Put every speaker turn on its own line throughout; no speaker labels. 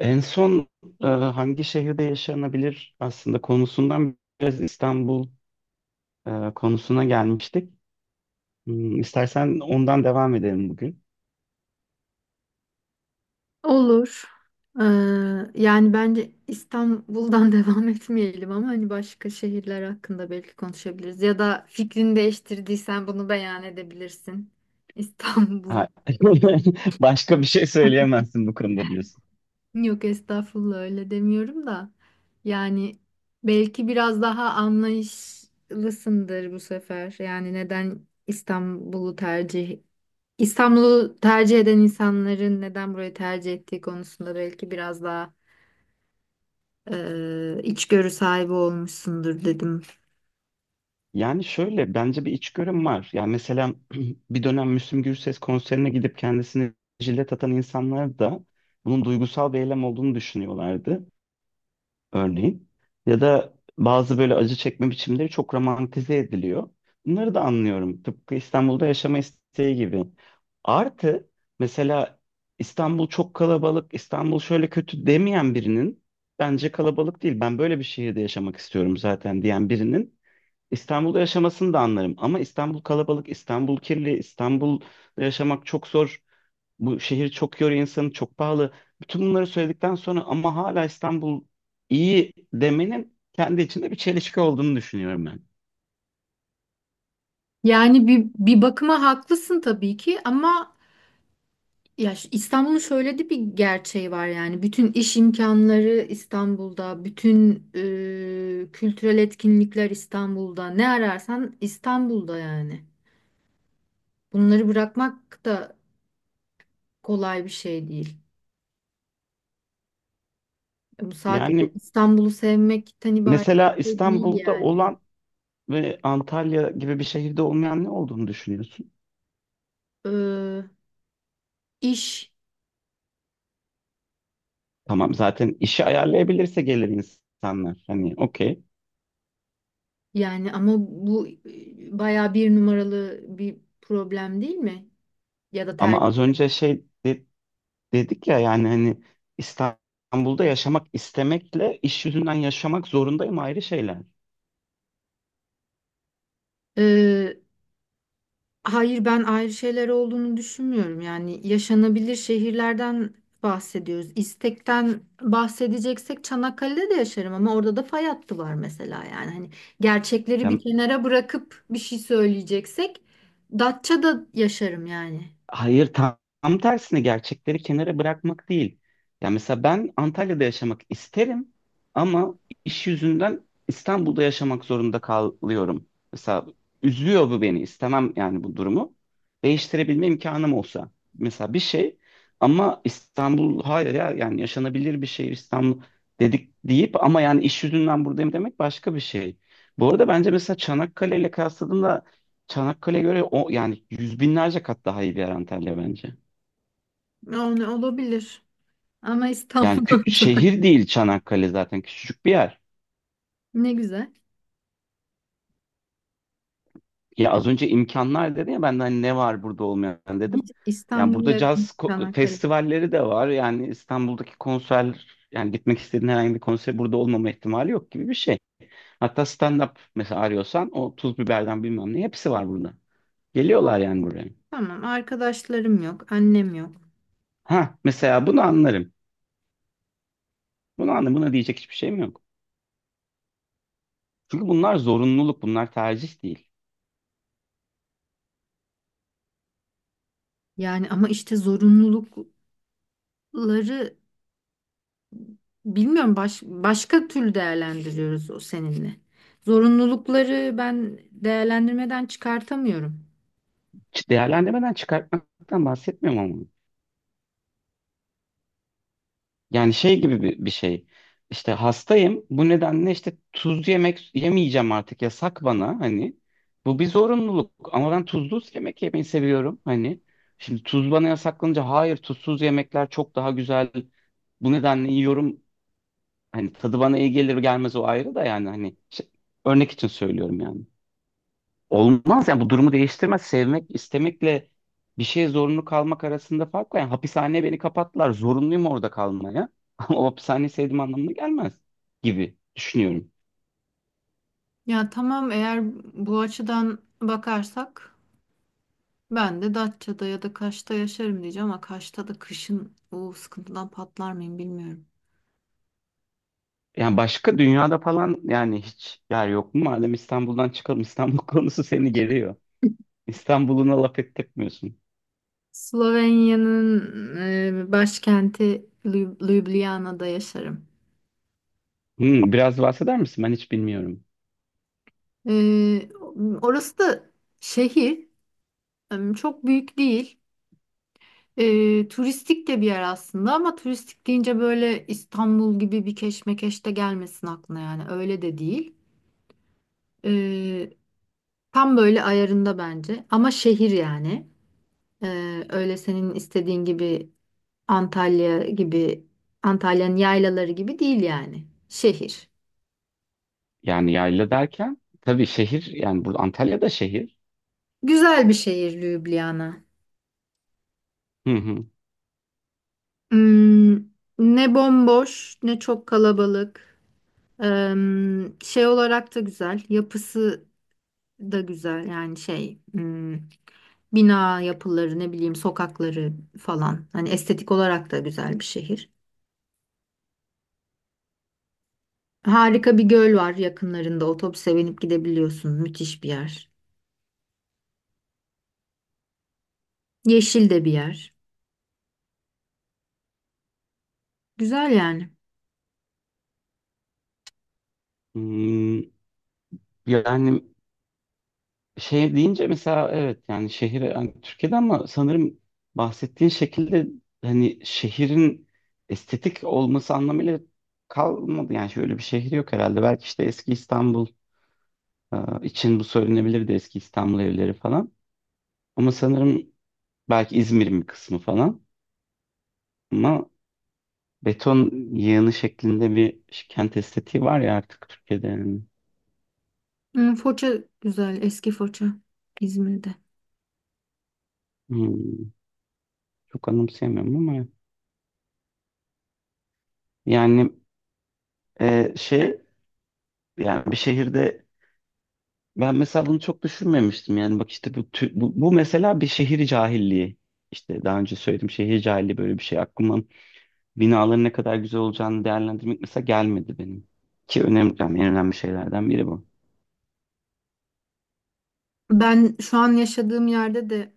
En son hangi şehirde yaşanabilir aslında konusundan biraz İstanbul konusuna gelmiştik. İstersen ondan devam edelim bugün.
Olur. Ee, Yani bence İstanbul'dan devam etmeyelim ama hani başka şehirler hakkında belki konuşabiliriz. Ya da fikrini değiştirdiysen bunu beyan edebilirsin. İstanbul.
Ha, Başka bir şey söyleyemezsin bu konuda diyorsun.
Yok estağfurullah öyle demiyorum da. Yani belki biraz daha anlayışlısındır bu sefer. Yani neden İstanbul'u tercih eden insanların neden burayı tercih ettiği konusunda belki biraz daha içgörü sahibi olmuşsundur dedim.
Yani şöyle bence bir içgörüm var. Yani mesela bir dönem Müslüm Gürses konserine gidip kendisini jilet atan insanlar da bunun duygusal bir eylem olduğunu düşünüyorlardı. Örneğin. Ya da bazı böyle acı çekme biçimleri çok romantize ediliyor. Bunları da anlıyorum. Tıpkı İstanbul'da yaşama isteği gibi. Artı mesela İstanbul çok kalabalık, İstanbul şöyle kötü demeyen birinin bence kalabalık değil. Ben böyle bir şehirde yaşamak istiyorum zaten diyen birinin İstanbul'da yaşamasını da anlarım. Ama İstanbul kalabalık, İstanbul kirli, İstanbul'da yaşamak çok zor, bu şehir çok yoruyor insanı, çok pahalı. Bütün bunları söyledikten sonra ama hala İstanbul iyi demenin kendi içinde bir çelişki olduğunu düşünüyorum ben.
Yani bir bakıma haklısın tabii ki ama ya İstanbul'un şöyle de bir gerçeği var, yani bütün iş imkanları İstanbul'da, bütün kültürel etkinlikler İstanbul'da. Ne ararsan İstanbul'da yani. Bunları bırakmak da kolay bir şey değil. Bu sadece
Yani
İstanbul'u sevmekten ibaret
mesela
de değil
İstanbul'da
yani.
olan ve Antalya gibi bir şehirde olmayan ne olduğunu düşünüyorsun?
Ee, iş
Tamam, zaten işi ayarlayabilirse gelir insanlar. Hani okey.
Yani ama bu bayağı bir numaralı bir problem değil mi? Ya da
Ama
tercih.
az önce dedik ya, yani hani İstanbul'da yaşamak istemekle iş yüzünden yaşamak zorundayım ayrı şeyler.
Ee, hayır, ben ayrı şeyler olduğunu düşünmüyorum. Yani yaşanabilir şehirlerden bahsediyoruz. İstekten bahsedeceksek Çanakkale'de de yaşarım ama orada da fay hattı var mesela yani. Hani gerçekleri bir
Yani
kenara bırakıp bir şey söyleyeceksek Datça'da yaşarım yani.
hayır, tam tersine gerçekleri kenara bırakmak değil. Ya mesela ben Antalya'da yaşamak isterim ama iş yüzünden İstanbul'da yaşamak zorunda kalıyorum. Mesela üzüyor bu beni. İstemem yani bu durumu. Değiştirebilme imkanım olsa. Mesela bir şey, ama İstanbul hayır ya, yani yaşanabilir bir şehir İstanbul dedik deyip ama yani iş yüzünden buradayım demek başka bir şey. Bu arada bence mesela Çanakkale ile, Çanakkale'ye göre o yani yüz binlerce kat daha iyi bir yer Antalya bence.
Yani olabilir. Ama
Yani
İstanbul'da.
şehir değil Çanakkale, zaten küçücük bir yer.
Ne güzel.
Ya az önce imkanlar dedi ya, ben de hani ne var burada olmayan dedim. Yani
İstanbul'a
burada
yakın
caz
Çanakkale.
festivalleri de var. Yani İstanbul'daki konser, yani gitmek istediğin herhangi bir konser burada olmama ihtimali yok gibi bir şey. Hatta stand-up mesela arıyorsan, o tuz biberden bilmem ne, hepsi var burada. Geliyorlar
Yok.
yani buraya.
Tamam, arkadaşlarım yok, annem yok.
Ha, mesela bunu anlarım. Bunu anlarım. Buna diyecek hiçbir şeyim yok. Çünkü bunlar zorunluluk, bunlar tercih değil.
Yani ama işte zorunlulukları bilmiyorum, başka türlü değerlendiriyoruz o seninle. Zorunlulukları ben değerlendirmeden çıkartamıyorum.
Değerlendirmeden çıkartmaktan bahsetmiyorum ama. Yani şey gibi bir şey. İşte hastayım. Bu nedenle işte tuz yemek yemeyeceğim artık. Yasak bana hani. Bu bir zorunluluk. Ama ben tuzlu yemek yemeyi seviyorum hani. Şimdi tuz bana yasaklanınca hayır, tuzsuz yemekler çok daha güzel. Bu nedenle yiyorum. Hani tadı bana iyi gelir gelmez o ayrı da, yani hani örnek için söylüyorum yani. Olmaz yani, bu durumu değiştirmez. Sevmek, istemekle bir şeye zorunlu kalmak arasında fark var. Yani hapishaneye beni kapattılar. Zorunluyum orada kalmaya. Ama o hapishaneyi sevdiğim anlamına gelmez gibi düşünüyorum.
Ya tamam, eğer bu açıdan bakarsak ben de Datça'da ya da Kaş'ta yaşarım diyeceğim ama Kaş'ta da kışın o sıkıntıdan patlar mıyım bilmiyorum.
Yani başka dünyada falan, yani hiç yer yok mu? Madem İstanbul'dan çıkalım. İstanbul konusu seni geliyor. İstanbul'una laf ettirmiyorsun.
Slovenya'nın başkenti Ljubljana'da yaşarım.
Hmm, biraz bahseder misin? Ben hiç bilmiyorum.
Ee, Orası da şehir. Çok büyük değil. Turistik de bir yer aslında ama turistik deyince böyle İstanbul gibi bir keşmekeş de gelmesin aklına yani. Öyle de değil. Ee, Tam böyle ayarında bence. Ama şehir yani. Öyle senin istediğin gibi, Antalya gibi Antalya'nın yaylaları gibi değil yani. Şehir.
Yani yayla derken tabii şehir, yani burada Antalya'da şehir.
Güzel bir şehir Lübnana.
Hı hı.
Hmm, ne bomboş ne çok kalabalık. Şey olarak da güzel, yapısı da güzel, yani şey, hmm, bina yapıları, ne bileyim, sokakları falan, hani estetik olarak da güzel bir şehir. Harika bir göl var yakınlarında, otobüse binip gidebiliyorsun, müthiş bir yer. Yeşil de bir yer. Güzel yani.
Hmm, yani şey deyince mesela, evet yani şehir yani Türkiye'de, ama sanırım bahsettiğin şekilde hani şehrin estetik olması anlamıyla kalmadı. Yani şöyle bir şehir yok herhalde. Belki işte eski İstanbul e, için bu söylenebilirdi, eski İstanbul evleri falan. Ama sanırım belki İzmir'in bir kısmı falan. Ama beton yığını şeklinde bir kent estetiği var ya artık Türkiye'de yani.
Hmm, Foça güzel, eski Foça, İzmir'de.
Hmm, çok anımsayamıyorum ama yani e, şey yani bir şehirde. Ben mesela bunu çok düşünmemiştim. Yani bak işte bu mesela bir şehir cahilliği. İşte daha önce söyledim, şehir cahilliği böyle bir şey. Aklıma binaların ne kadar güzel olacağını değerlendirmek mesela gelmedi benim. Ki önemli, yani en önemli şeylerden biri bu.
Ben şu an yaşadığım yerde de,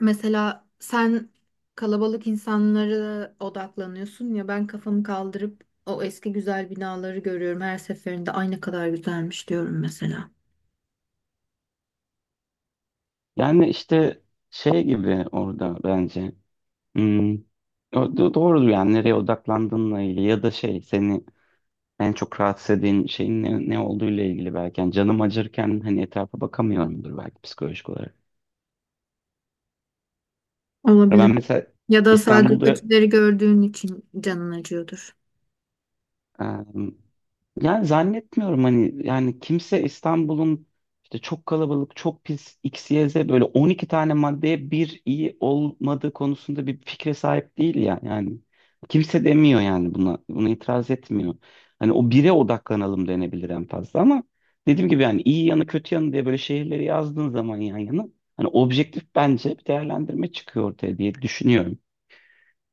mesela sen kalabalık insanlara odaklanıyorsun ya, ben kafamı kaldırıp o eski güzel binaları görüyorum her seferinde, ay ne kadar güzelmiş diyorum mesela.
Yani işte şey gibi orada bence. Hmm, o da doğru yani, nereye odaklandığınla ilgili ya da şey, seni en çok rahatsız eden şeyin ne olduğuyla ilgili belki. Yani canım acırken hani etrafa bakamıyorumdur belki psikolojik olarak. Ya
Olabilir.
ben mesela
Ya da sadece
İstanbul'da
kötüleri gördüğün için canın acıyordur.
Ee, yani zannetmiyorum hani, yani kimse İstanbul'un işte çok kalabalık, çok pis X, Y, Z, böyle 12 tane maddeye bir iyi olmadığı konusunda bir fikre sahip değil ya yani. Kimse demiyor yani buna, buna itiraz etmiyor. Hani o bire odaklanalım denebilir en fazla, ama dediğim gibi yani iyi yanı kötü yanı diye böyle şehirleri yazdığın zaman yan yana, hani objektif bence bir değerlendirme çıkıyor ortaya diye düşünüyorum.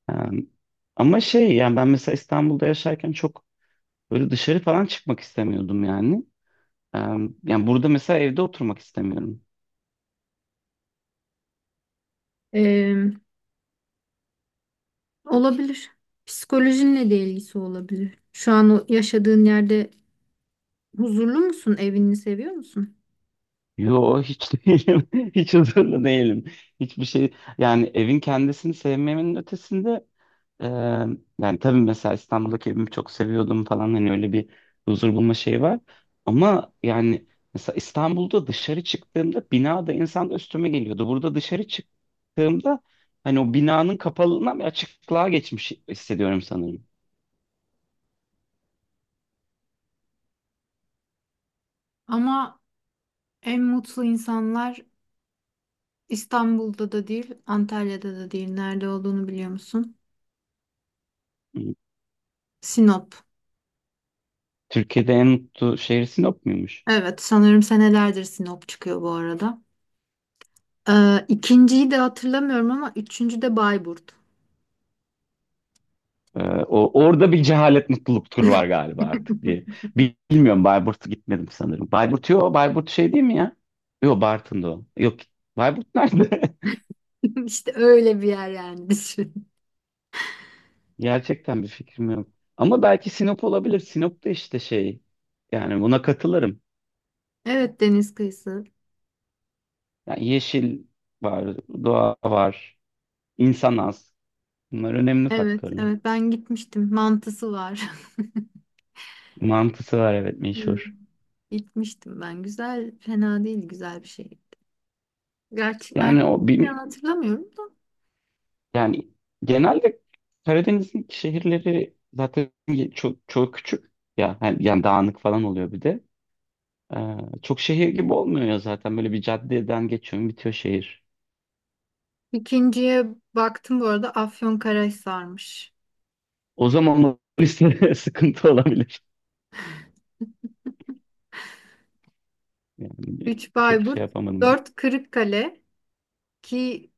Ee, Ama şey yani, ben mesela İstanbul'da yaşarken çok böyle dışarı falan çıkmak istemiyordum yani. Ee, Yani burada mesela evde oturmak istemiyorum.
Ee, Olabilir. Psikolojinle de ilgisi olabilir. Şu an o yaşadığın yerde huzurlu musun? Evini seviyor musun?
Yo, hiç değilim. Hiç huzurlu değilim. Hiçbir şey, yani evin kendisini sevmemin ötesinde, e, yani tabii mesela İstanbul'daki evimi çok seviyordum falan, hani öyle bir huzur bulma şeyi var. Ama yani mesela İstanbul'da dışarı çıktığımda binada insan da üstüme geliyordu. Burada dışarı çıktığımda hani o binanın kapalılığından bir açıklığa geçmiş hissediyorum sanırım.
Ama en mutlu insanlar İstanbul'da da değil, Antalya'da da değil. Nerede olduğunu biliyor musun? Sinop.
Türkiye'de en mutlu şehir Sinop muymuş?
Evet, sanırım senelerdir Sinop çıkıyor bu arada. İkinciyi de hatırlamıyorum ama üçüncü de Bayburt.
Ee, orada bir cehalet mutluluk turu var galiba artık diye. Bilmiyorum, Bayburt'a gitmedim sanırım. Bayburt yok. Bayburt şey değil mi ya? Yok, Bartın'da o. Yok. Bayburt nerede?
İşte öyle bir yer yani, düşün.
Gerçekten bir fikrim yok. Ama belki Sinop olabilir. Sinop'ta işte şey. Yani buna katılırım.
Evet, deniz kıyısı.
Yani yeşil var, doğa var, insan az. Bunlar önemli
Evet,
faktörler.
evet, ben gitmiştim. Mantısı var.
Mantısı var, evet,
Hmm.
meşhur.
Gitmiştim ben. Güzel, fena değil, güzel bir şey. Gerçi
Yani o
merkezi
bir,
hatırlamıyorum da.
yani genelde Karadeniz'in şehirleri zaten çok çok küçük ya yani, yani dağınık falan oluyor bir de. Ee, Çok şehir gibi olmuyor ya, zaten böyle bir caddeden geçiyorum, bitiyor şehir.
İkinciye baktım bu arada, Afyonkarahisar'mış.
O zaman o liste sıkıntı olabilir. Yani
3
çok
Bayburt,
şey yapamadım.
4 Kırıkkale, ki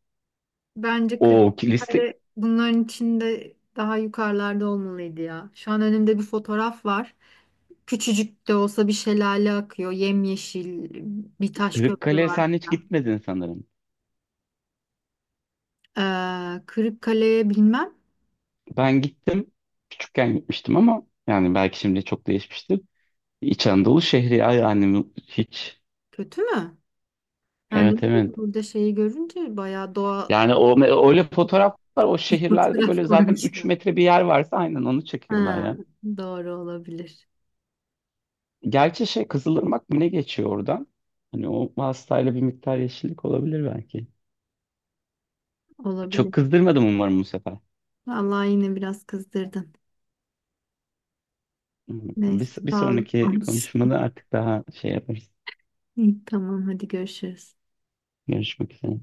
bence
O liste.
Kırıkkale bunların içinde daha yukarılarda olmalıydı ya. Şu an önümde bir fotoğraf var. Küçücük de olsa bir şelale akıyor. Yemyeşil bir taş köprü
Kırıkkale'ye
var
sen hiç
falan.
gitmedin sanırım.
Kırıkkale'ye bilmem.
Ben gittim. Küçükken gitmiştim ama yani belki şimdi çok değişmiştir. İç Anadolu şehri, ay annem hiç.
Kötü mü? Yani
Evet, evet.
burada şeyi görünce bayağı doğa
Yani o öyle fotoğraflar, o şehirlerde
fotoğraf
böyle zaten 3
koymuşlar.
metre bir yer varsa aynen onu çekiyorlar
Ha,
ya.
doğru olabilir.
Gerçi şey, Kızılırmak mı ne geçiyor oradan? Hani o hastayla bir miktar yeşillik olabilir belki.
Olabilir.
Çok kızdırmadım umarım bu sefer.
Vallahi yine biraz kızdırdın. Neyse,
Bir
sağ ol.
sonraki konuşmada artık daha şey yaparız.
İyi, tamam, hadi görüşürüz.
Görüşmek üzere.